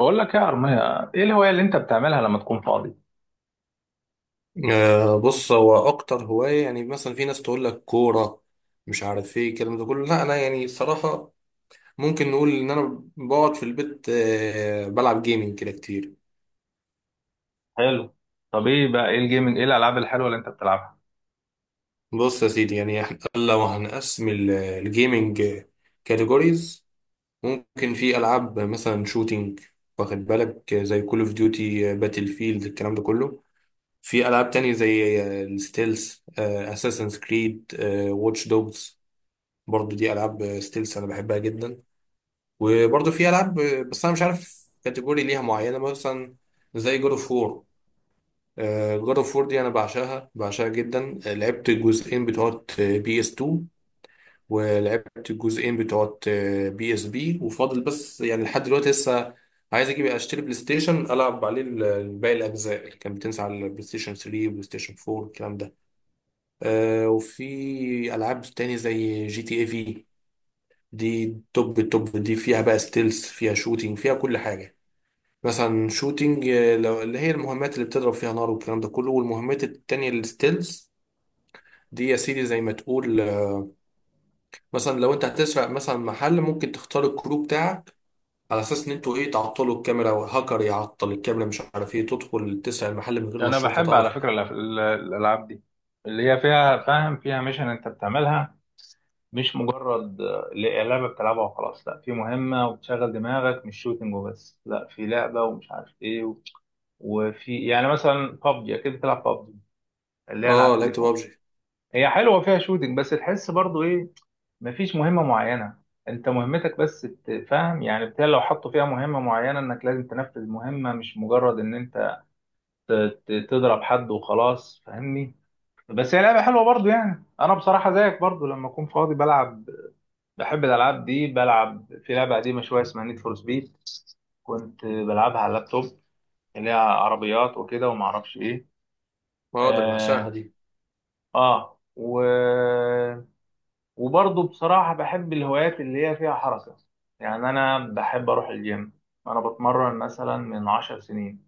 بقول لك إيه يا أرمية، إيه الهواية اللي أنت بتعملها لما تكون فاضي؟ بص، هو اكتر هوايه يعني مثلا في ناس تقول لك كوره مش عارف ايه الكلام ده كله. لا انا يعني صراحه ممكن نقول ان انا بقعد في البيت، بلعب جيمنج كده كتير. حلو. طب إيه بقى، إيه الجيمنج، إيه الألعاب الحلوة اللي أنت بتلعبها؟ بص يا سيدي، يعني إحنا لو هنقسم الجيمنج كاتيجوريز، ممكن في العاب مثلا شوتينج، واخد بالك؟ زي كول اوف ديوتي، باتل فيلد، الكلام ده كله. في العاب تانية زي الستيلز، اساسنز كريد، واتش دوجز، برضو دي العاب ستيلز انا بحبها جدا. وبرضه في العاب، بس انا مش عارف كاتيجوري ليها معينه، مثلا زي جود اوف وور. جود اوف وور دي انا بعشقها بعشقها جدا. لعبت الجزئين بتوع بي اس 2، ولعبت الجزئين بتوع بي اس بي، وفاضل بس يعني لحد دلوقتي لسه عايز اجيب اشتري بلاي ستيشن العب عليه باقي الاجزاء اللي كانت بتنزل على البلاي ستيشن 3، بلاي ستيشن 4، الكلام ده. وفي العاب تاني زي جي تي اي في. دي توب التوب، دي فيها بقى ستيلز، فيها شوتينج، فيها كل حاجه. مثلا شوتينج، لو اللي هي المهمات اللي بتضرب فيها نار والكلام ده كله، والمهمات التانية الستيلز، دي يا سيدي زي ما تقول. مثلا لو انت هتسرق مثلا محل، ممكن تختار الكرو بتاعك على اساس ان انتوا ايه، تعطلوا الكاميرا، وهاكر يعطل الكاميرا، مش عارف ايه، تدخل تسرق المحل من غير ما أنا الشرطة بحب على تعرف. فكرة الألعاب دي اللي هي فيها، فاهم، فيها ميشن أنت بتعملها. مش مجرد لعبة بتلعبها وخلاص، لا، في مهمة وبتشغل دماغك، مش شوتنج وبس، لا، في لعبة ومش عارف إيه وفي يعني مثلا بابجي، أكيد بتلعب بابجي اللي هي على اه، لعبت التليفون. بابجي. هي حلوة فيها شوتنج بس تحس برضو إيه، مفيش مهمة معينة، انت مهمتك بس تفهم، يعني بتاع، لو حطوا فيها مهمة معينة انك لازم تنفذ مهمة، مش مجرد ان انت تضرب حد وخلاص، فاهمني. بس هي لعبة حلوة برضو، يعني انا بصراحة زيك برضو لما اكون فاضي بلعب. بحب الالعاب دي، بلعب في لعبة قديمة شوية اسمها نيد فور سبيد، كنت بلعبها على اللابتوب، اللي هي عربيات وكده، وما اعرفش ايه. ما اقدر، اه، بعشقها دي. آه. و وبرضه بصراحة بحب الهوايات اللي هي فيها حركة. يعني أنا بحب أروح الجيم. أنا بتمرن مثلا من عشر سنين،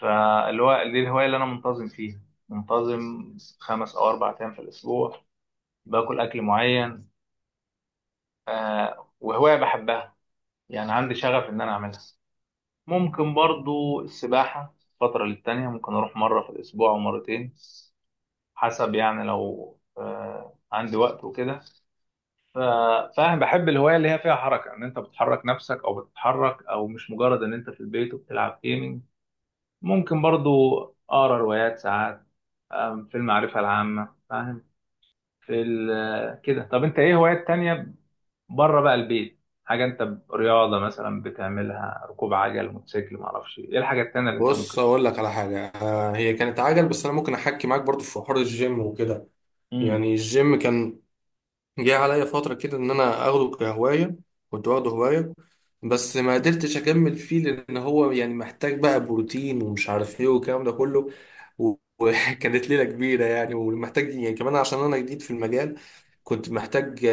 فاللي هو دي الهواية اللي أنا منتظم فيها، منتظم خمس أو أربع أيام في الأسبوع، باكل أكل معين. وهواية بحبها، يعني عندي شغف إن أنا أعملها. ممكن برضه السباحة فترة للتانية، ممكن أروح مرة في الأسبوع أو مرتين، حسب، يعني لو عندي وقت وكده. ف- فاهم، بحب الهوايه اللي هي فيها حركه، ان انت بتحرك نفسك او بتتحرك، او مش مجرد ان انت في البيت وبتلعب جيمنج. ممكن برضو اقرا روايات ساعات، في المعرفه العامه، فاهم. في ال- آه، كده، طب انت ايه هوايات تانية بره بقى البيت؟ حاجه انت رياضه مثلا بتعملها، ركوب عجل، موتوسيكل، ما اعرفش ايه الحاجه التانية اللي انت بص ممكن تبقى. اقول لك على حاجة، هي كانت عجل بس انا ممكن احكي معاك برضو في حوار الجيم وكده. امم. يعني الجيم كان جه عليا فترة كده إن أنا أخده كهواية، كنت واخده هواية، بس ما قدرتش أكمل فيه لأن هو يعني محتاج بقى بروتين ومش عارف إيه والكلام ده كله. و- وكانت ليلة كبيرة يعني، ومحتاج يعني كمان عشان أنا جديد في المجال، كنت محتاج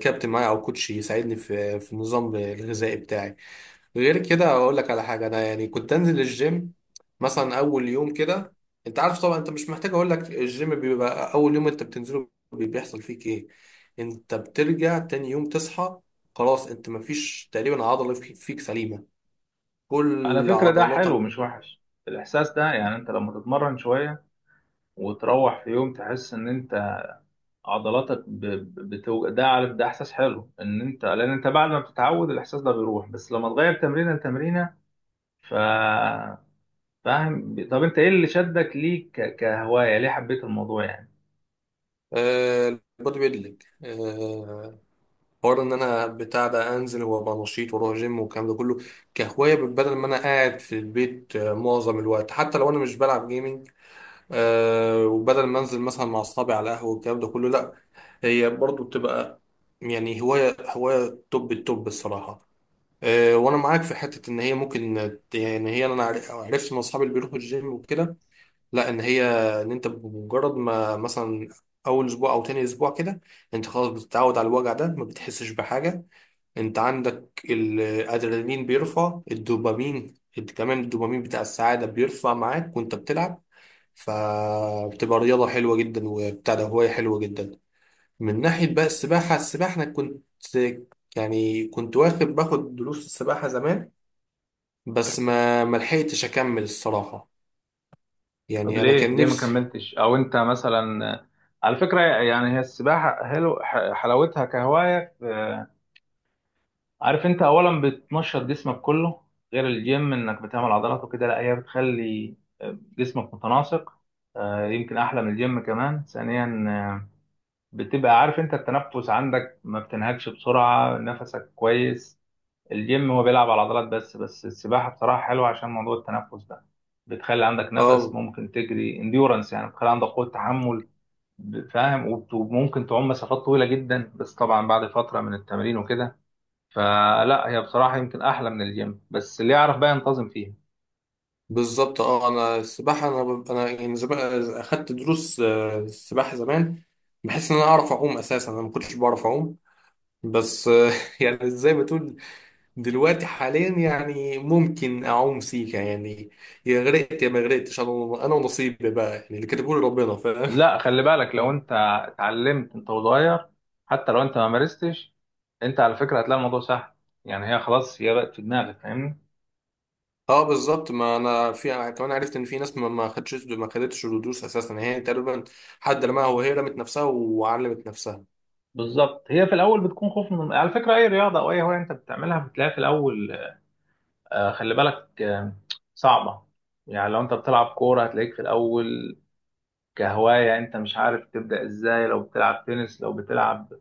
كابتن معايا أو كوتش يساعدني في النظام الغذائي بتاعي. غير كده، اقول لك على حاجه، انا يعني كنت انزل الجيم مثلا اول يوم كده. انت عارف طبعا، انت مش محتاج اقول لك الجيم بيبقى اول يوم انت بتنزله بيحصل فيك ايه. انت بترجع تاني يوم تصحى خلاص، انت مفيش تقريبا عضله فيك سليمه، على كل فكرة ده حلو، عضلاتك. مش وحش، الإحساس ده، يعني أنت لما تتمرن شوية وتروح في يوم تحس إن أنت عضلاتك ده، عارف، ده احساس حلو، ان انت، لان انت بعد ما بتتعود الاحساس ده بيروح، بس لما تغير تمرينه لتمرينه. ف فاهم، طب انت ايه اللي شدك ليه كهوايه؟ ليه حبيت الموضوع يعني؟ البودي ويت ليج، حوار ان انا بتاع ده انزل وابقى نشيط واروح جيم والكلام ده كله، كهوايه، بدل ما انا قاعد في البيت معظم الوقت حتى لو انا مش بلعب جيمنج. وبدل ما انزل مثلا مع اصحابي على قهوه والكلام ده كله، لا هي برضو بتبقى يعني هوايه، هوايه توب التوب الصراحه. وانا معاك في حته ان هي ممكن، يعني هي انا عرفت من اصحابي اللي بيروحوا الجيم وكده، لا ان هي، ان انت بمجرد ما مثلا اول اسبوع او تاني اسبوع كده، انت خلاص بتتعود على الوجع ده، ما بتحسش بحاجه. انت عندك الادرينالين بيرفع الدوبامين، انت كمان الدوبامين بتاع السعادة بيرفع معاك وانت بتلعب، فبتبقى رياضة حلوة جدا، وبتاع ده هواية حلوة جدا. من ناحية بقى السباحة، السباحة انا كنت، يعني كنت باخد دروس السباحة زمان، بس ما لحقتش اكمل الصراحة، طب يعني انا ليه كان ما نفسي. كملتش، او انت مثلا، على فكره، يعني هي السباحه حلو حلاوتها كهوايه، عارف، انت اولا بتنشط جسمك كله، غير الجيم انك بتعمل عضلات وكده، لا هي بتخلي جسمك متناسق، يمكن احلى من الجيم كمان. ثانيا، بتبقى عارف، انت التنفس عندك ما بتنهكش بسرعة، نفسك كويس. الجيم هو بيلعب على العضلات بس، السباحة بصراحة حلوة عشان موضوع التنفس ده، بتخلي عندك نفس اه ممكن تجري انديورنس، يعني بتخلي عندك قوة تحمل. فاهم، وممكن تعوم مسافات طويلة جدا، بس طبعا بعد فترة من التمرين وكده. فلا هي بصراحة يمكن أحلى من الجيم، بس اللي يعرف بقى ينتظم فيها. بالظبط. اه انا السباحة، انا يعني زمان اخدت دروس السباحة زمان. بحس ان انا اعرف اعوم، اساسا انا ما كنتش بعرف اعوم. بس يعني زي ما تقول، دلوقتي حاليا يعني ممكن اعوم سيكا يعني، يا غرقت يا ما غرقتش، انا ونصيبي بقى يعني اللي كتبه لي ربنا، فاهم؟ لا، خلي بالك، لو انت اتعلمت انت وصغير، حتى لو انت ما مارستش، انت على فكره هتلاقي الموضوع سهل، يعني هي خلاص، هي بقت في دماغك، فاهمني. اه بالظبط، ما انا في يعني كمان عرفت ان في ناس ما خدتش الدروس اساسا، هي تقريبا حد رماها وهي رمت نفسها وعلمت نفسها. بالظبط، هي في الاول بتكون خوف، من على فكره اي رياضه او اي هوايه انت بتعملها بتلاقي في الاول خلي بالك، صعبه. يعني لو انت بتلعب كوره هتلاقيك في الاول كهوايه انت مش عارف تبدا ازاي، لو بتلعب تنس، لو بتلعب.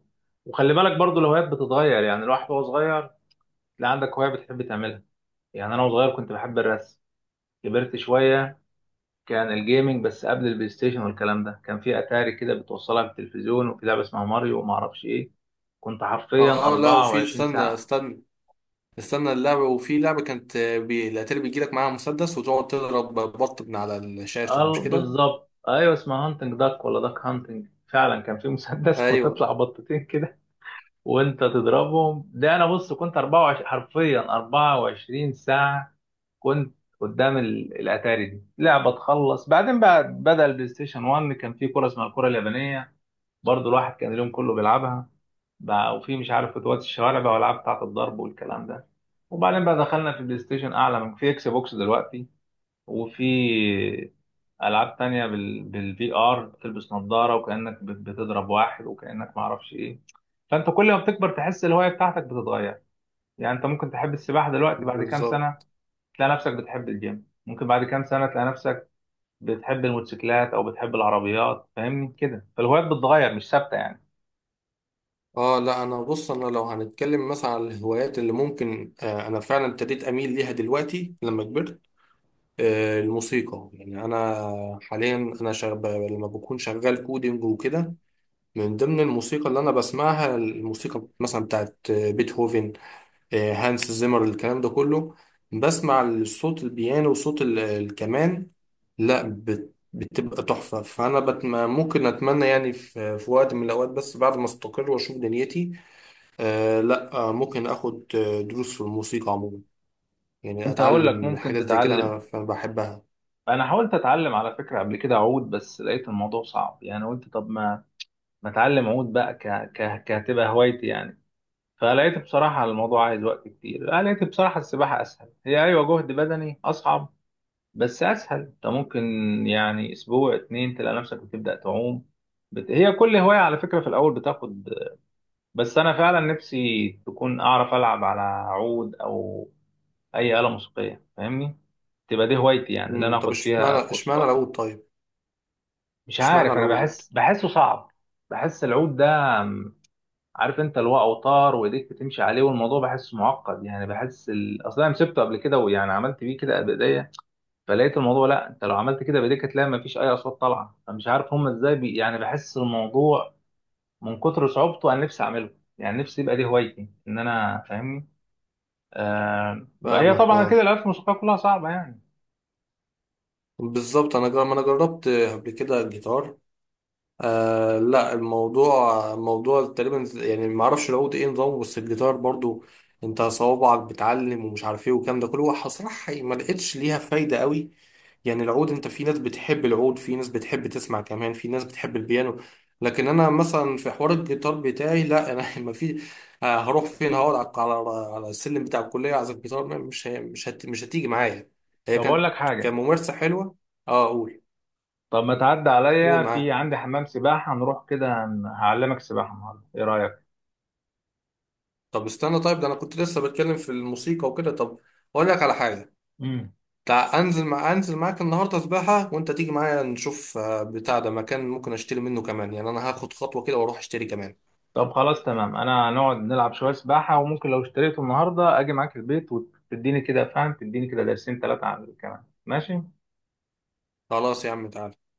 وخلي بالك برضو، الهوايات بتتغير، يعني الواحد وهو صغير تلاقي عندك هوايه بتحب تعملها. يعني انا وصغير كنت بحب الرسم، كبرت شوية كان الجيمنج بس، قبل البلاي ستيشن والكلام ده كان في أتاري كده بتوصلها بالتلفزيون، وفي لعبة اسمها ماريو وما أعرفش إيه، كنت حرفيا اه لا، وفي، 24 استنى ساعة. استنى استنى اللعبة، وفي لعبة كانت الاتاري بيجيلك معاها مسدس وتقعد تضرب بط من على الشاشة، اه مش كده؟ بالظبط، أيوة اسمها هانتنج داك، ولا داك هانتنج، فعلا كان في مسدس ايوه وتطلع بطتين كده وأنت تضربهم. ده أنا بص كنت 24 حرفيا 24 ساعة، كنت قدام الأتاري، دي لعبة تخلص، بعدين بقى بدأ البلاي ستيشن 1، كان في كرة اسمها الكرة اليابانية، برضه الواحد كان اليوم كله بيلعبها. بقى وفي مش عارف فوتوات الشوارع بقى، والعاب بتاعت الضرب والكلام ده، وبعدين بقى دخلنا في بلاي ستيشن اعلى، من في اكس بوكس دلوقتي، وفي العاب تانية بالفي ار، بتلبس نظارة وكأنك بتضرب واحد، وكأنك معرفش ايه. فانت كل ما بتكبر تحس الهواية بتاعتك بتتغير، يعني انت ممكن تحب السباحة دلوقتي، بعد كام سنة بالظبط. تلاقي نفسك بتحب الجيم، ممكن بعد كام سنة تلاقي نفسك بتحب الموتوسيكلات او بتحب العربيات، فاهمني كده، فالهوايات بتتغير مش ثابتة يعني. اه لا انا بص، انا لو هنتكلم مثلا على الهوايات اللي ممكن، انا فعلا ابتديت اميل ليها دلوقتي لما كبرت. الموسيقى يعني انا، حاليا انا شغب لما بكون شغال كودينج وكده. من ضمن الموسيقى اللي انا بسمعها، الموسيقى مثلا بتاعت بيتهوفن، هانس زيمر، الكلام ده كله. بسمع صوت البيانو وصوت الكمان، لا بتبقى تحفة. فأنا ممكن أتمنى يعني في وقت من الأوقات، بس بعد ما أستقر وأشوف دنيتي. لا، ممكن اخد دروس في الموسيقى عموما، يعني كنت هقول لك اتعلم ممكن حاجات زي كده، تتعلم. انا بحبها. انا حاولت اتعلم على فكره قبل كده عود، بس لقيت الموضوع صعب، يعني قلت طب ما اتعلم عود بقى كهتبقى هوايتي يعني. فلقيت بصراحه الموضوع عايز وقت كتير، أنا لقيت بصراحه السباحه اسهل، هي ايوه جهد بدني اصعب، بس اسهل، انت ممكن يعني اسبوع اتنين تلاقي نفسك بتبدا تعوم. هي كل هوايه على فكره في الاول بتاخد. بس انا فعلا نفسي تكون اعرف العب على عود، او اي آلة موسيقية، فاهمني، تبقى دي هوايتي، يعني اللي مم. انا طب اخد اشمعنى فيها اشمعنى كورسات. العود طيب؟ مش اشمعنى عارف، انا العود؟ بحس بحسه صعب. بحس العود ده، م، عارف، انت اللي هو اوتار وايديك بتمشي عليه، والموضوع بحسه معقد، يعني بحس اصلا انا مسكته قبل كده، ويعني عملت بيه كده بايديا، فلقيت الموضوع، لا، انت لو عملت كده بايديك هتلاقي مفيش اي اصوات طالعه، فمش عارف هم ازاي يعني بحس الموضوع من كتر صعوبته، انا نفسي اعمله، يعني نفسي يبقى دي هوايتي ان انا، فاهمني. بقى هي فاهمك، طبعا كده اه. الالات الموسيقيه كلها صعبه يعني. بالظبط انا ما انا جربت قبل كده الجيتار. لا الموضوع، موضوع تقريبا يعني ما اعرفش العود ايه نظامه، بس الجيتار برضو انت صوابعك بتعلم ومش عارف ايه والكلام ده كله، هو صراحة ما لقيتش ليها فايدة قوي. يعني العود، انت في ناس بتحب العود، في ناس بتحب تسمع كمان، في ناس بتحب البيانو، لكن انا مثلا في حوار الجيتار بتاعي لا. انا ما في، هروح فين؟ هقعد على على السلم بتاع الكليه اعزف جيتار؟ مش هتيجي معايا، هي طب اقول كانت لك حاجه، كممارسه حلوه. اه اقول. طب ما تعدي قول عليا، في معاه. عندي حمام سباحة، نروح كده هعلمك سباحة النهاردة، إيه رأيك؟ طب استنى طيب، ده انا كنت لسه بتكلم في الموسيقى وكده. طب اقول لك على حاجه، امم. انزل معاك النهارده سباحه، وانت تيجي معايا نشوف بتاع ده مكان ممكن اشتري منه كمان، يعني انا هاخد خطوه كده واروح اشتري كمان. طب خلاص تمام، أنا هنقعد نلعب شوية سباحة، وممكن لو اشتريته النهاردة أجي معاك البيت وتديني كده، فاهم، تديني كده درسين تلاتة عن الكلام، ماشي؟ خلاص يا عم، تعالى.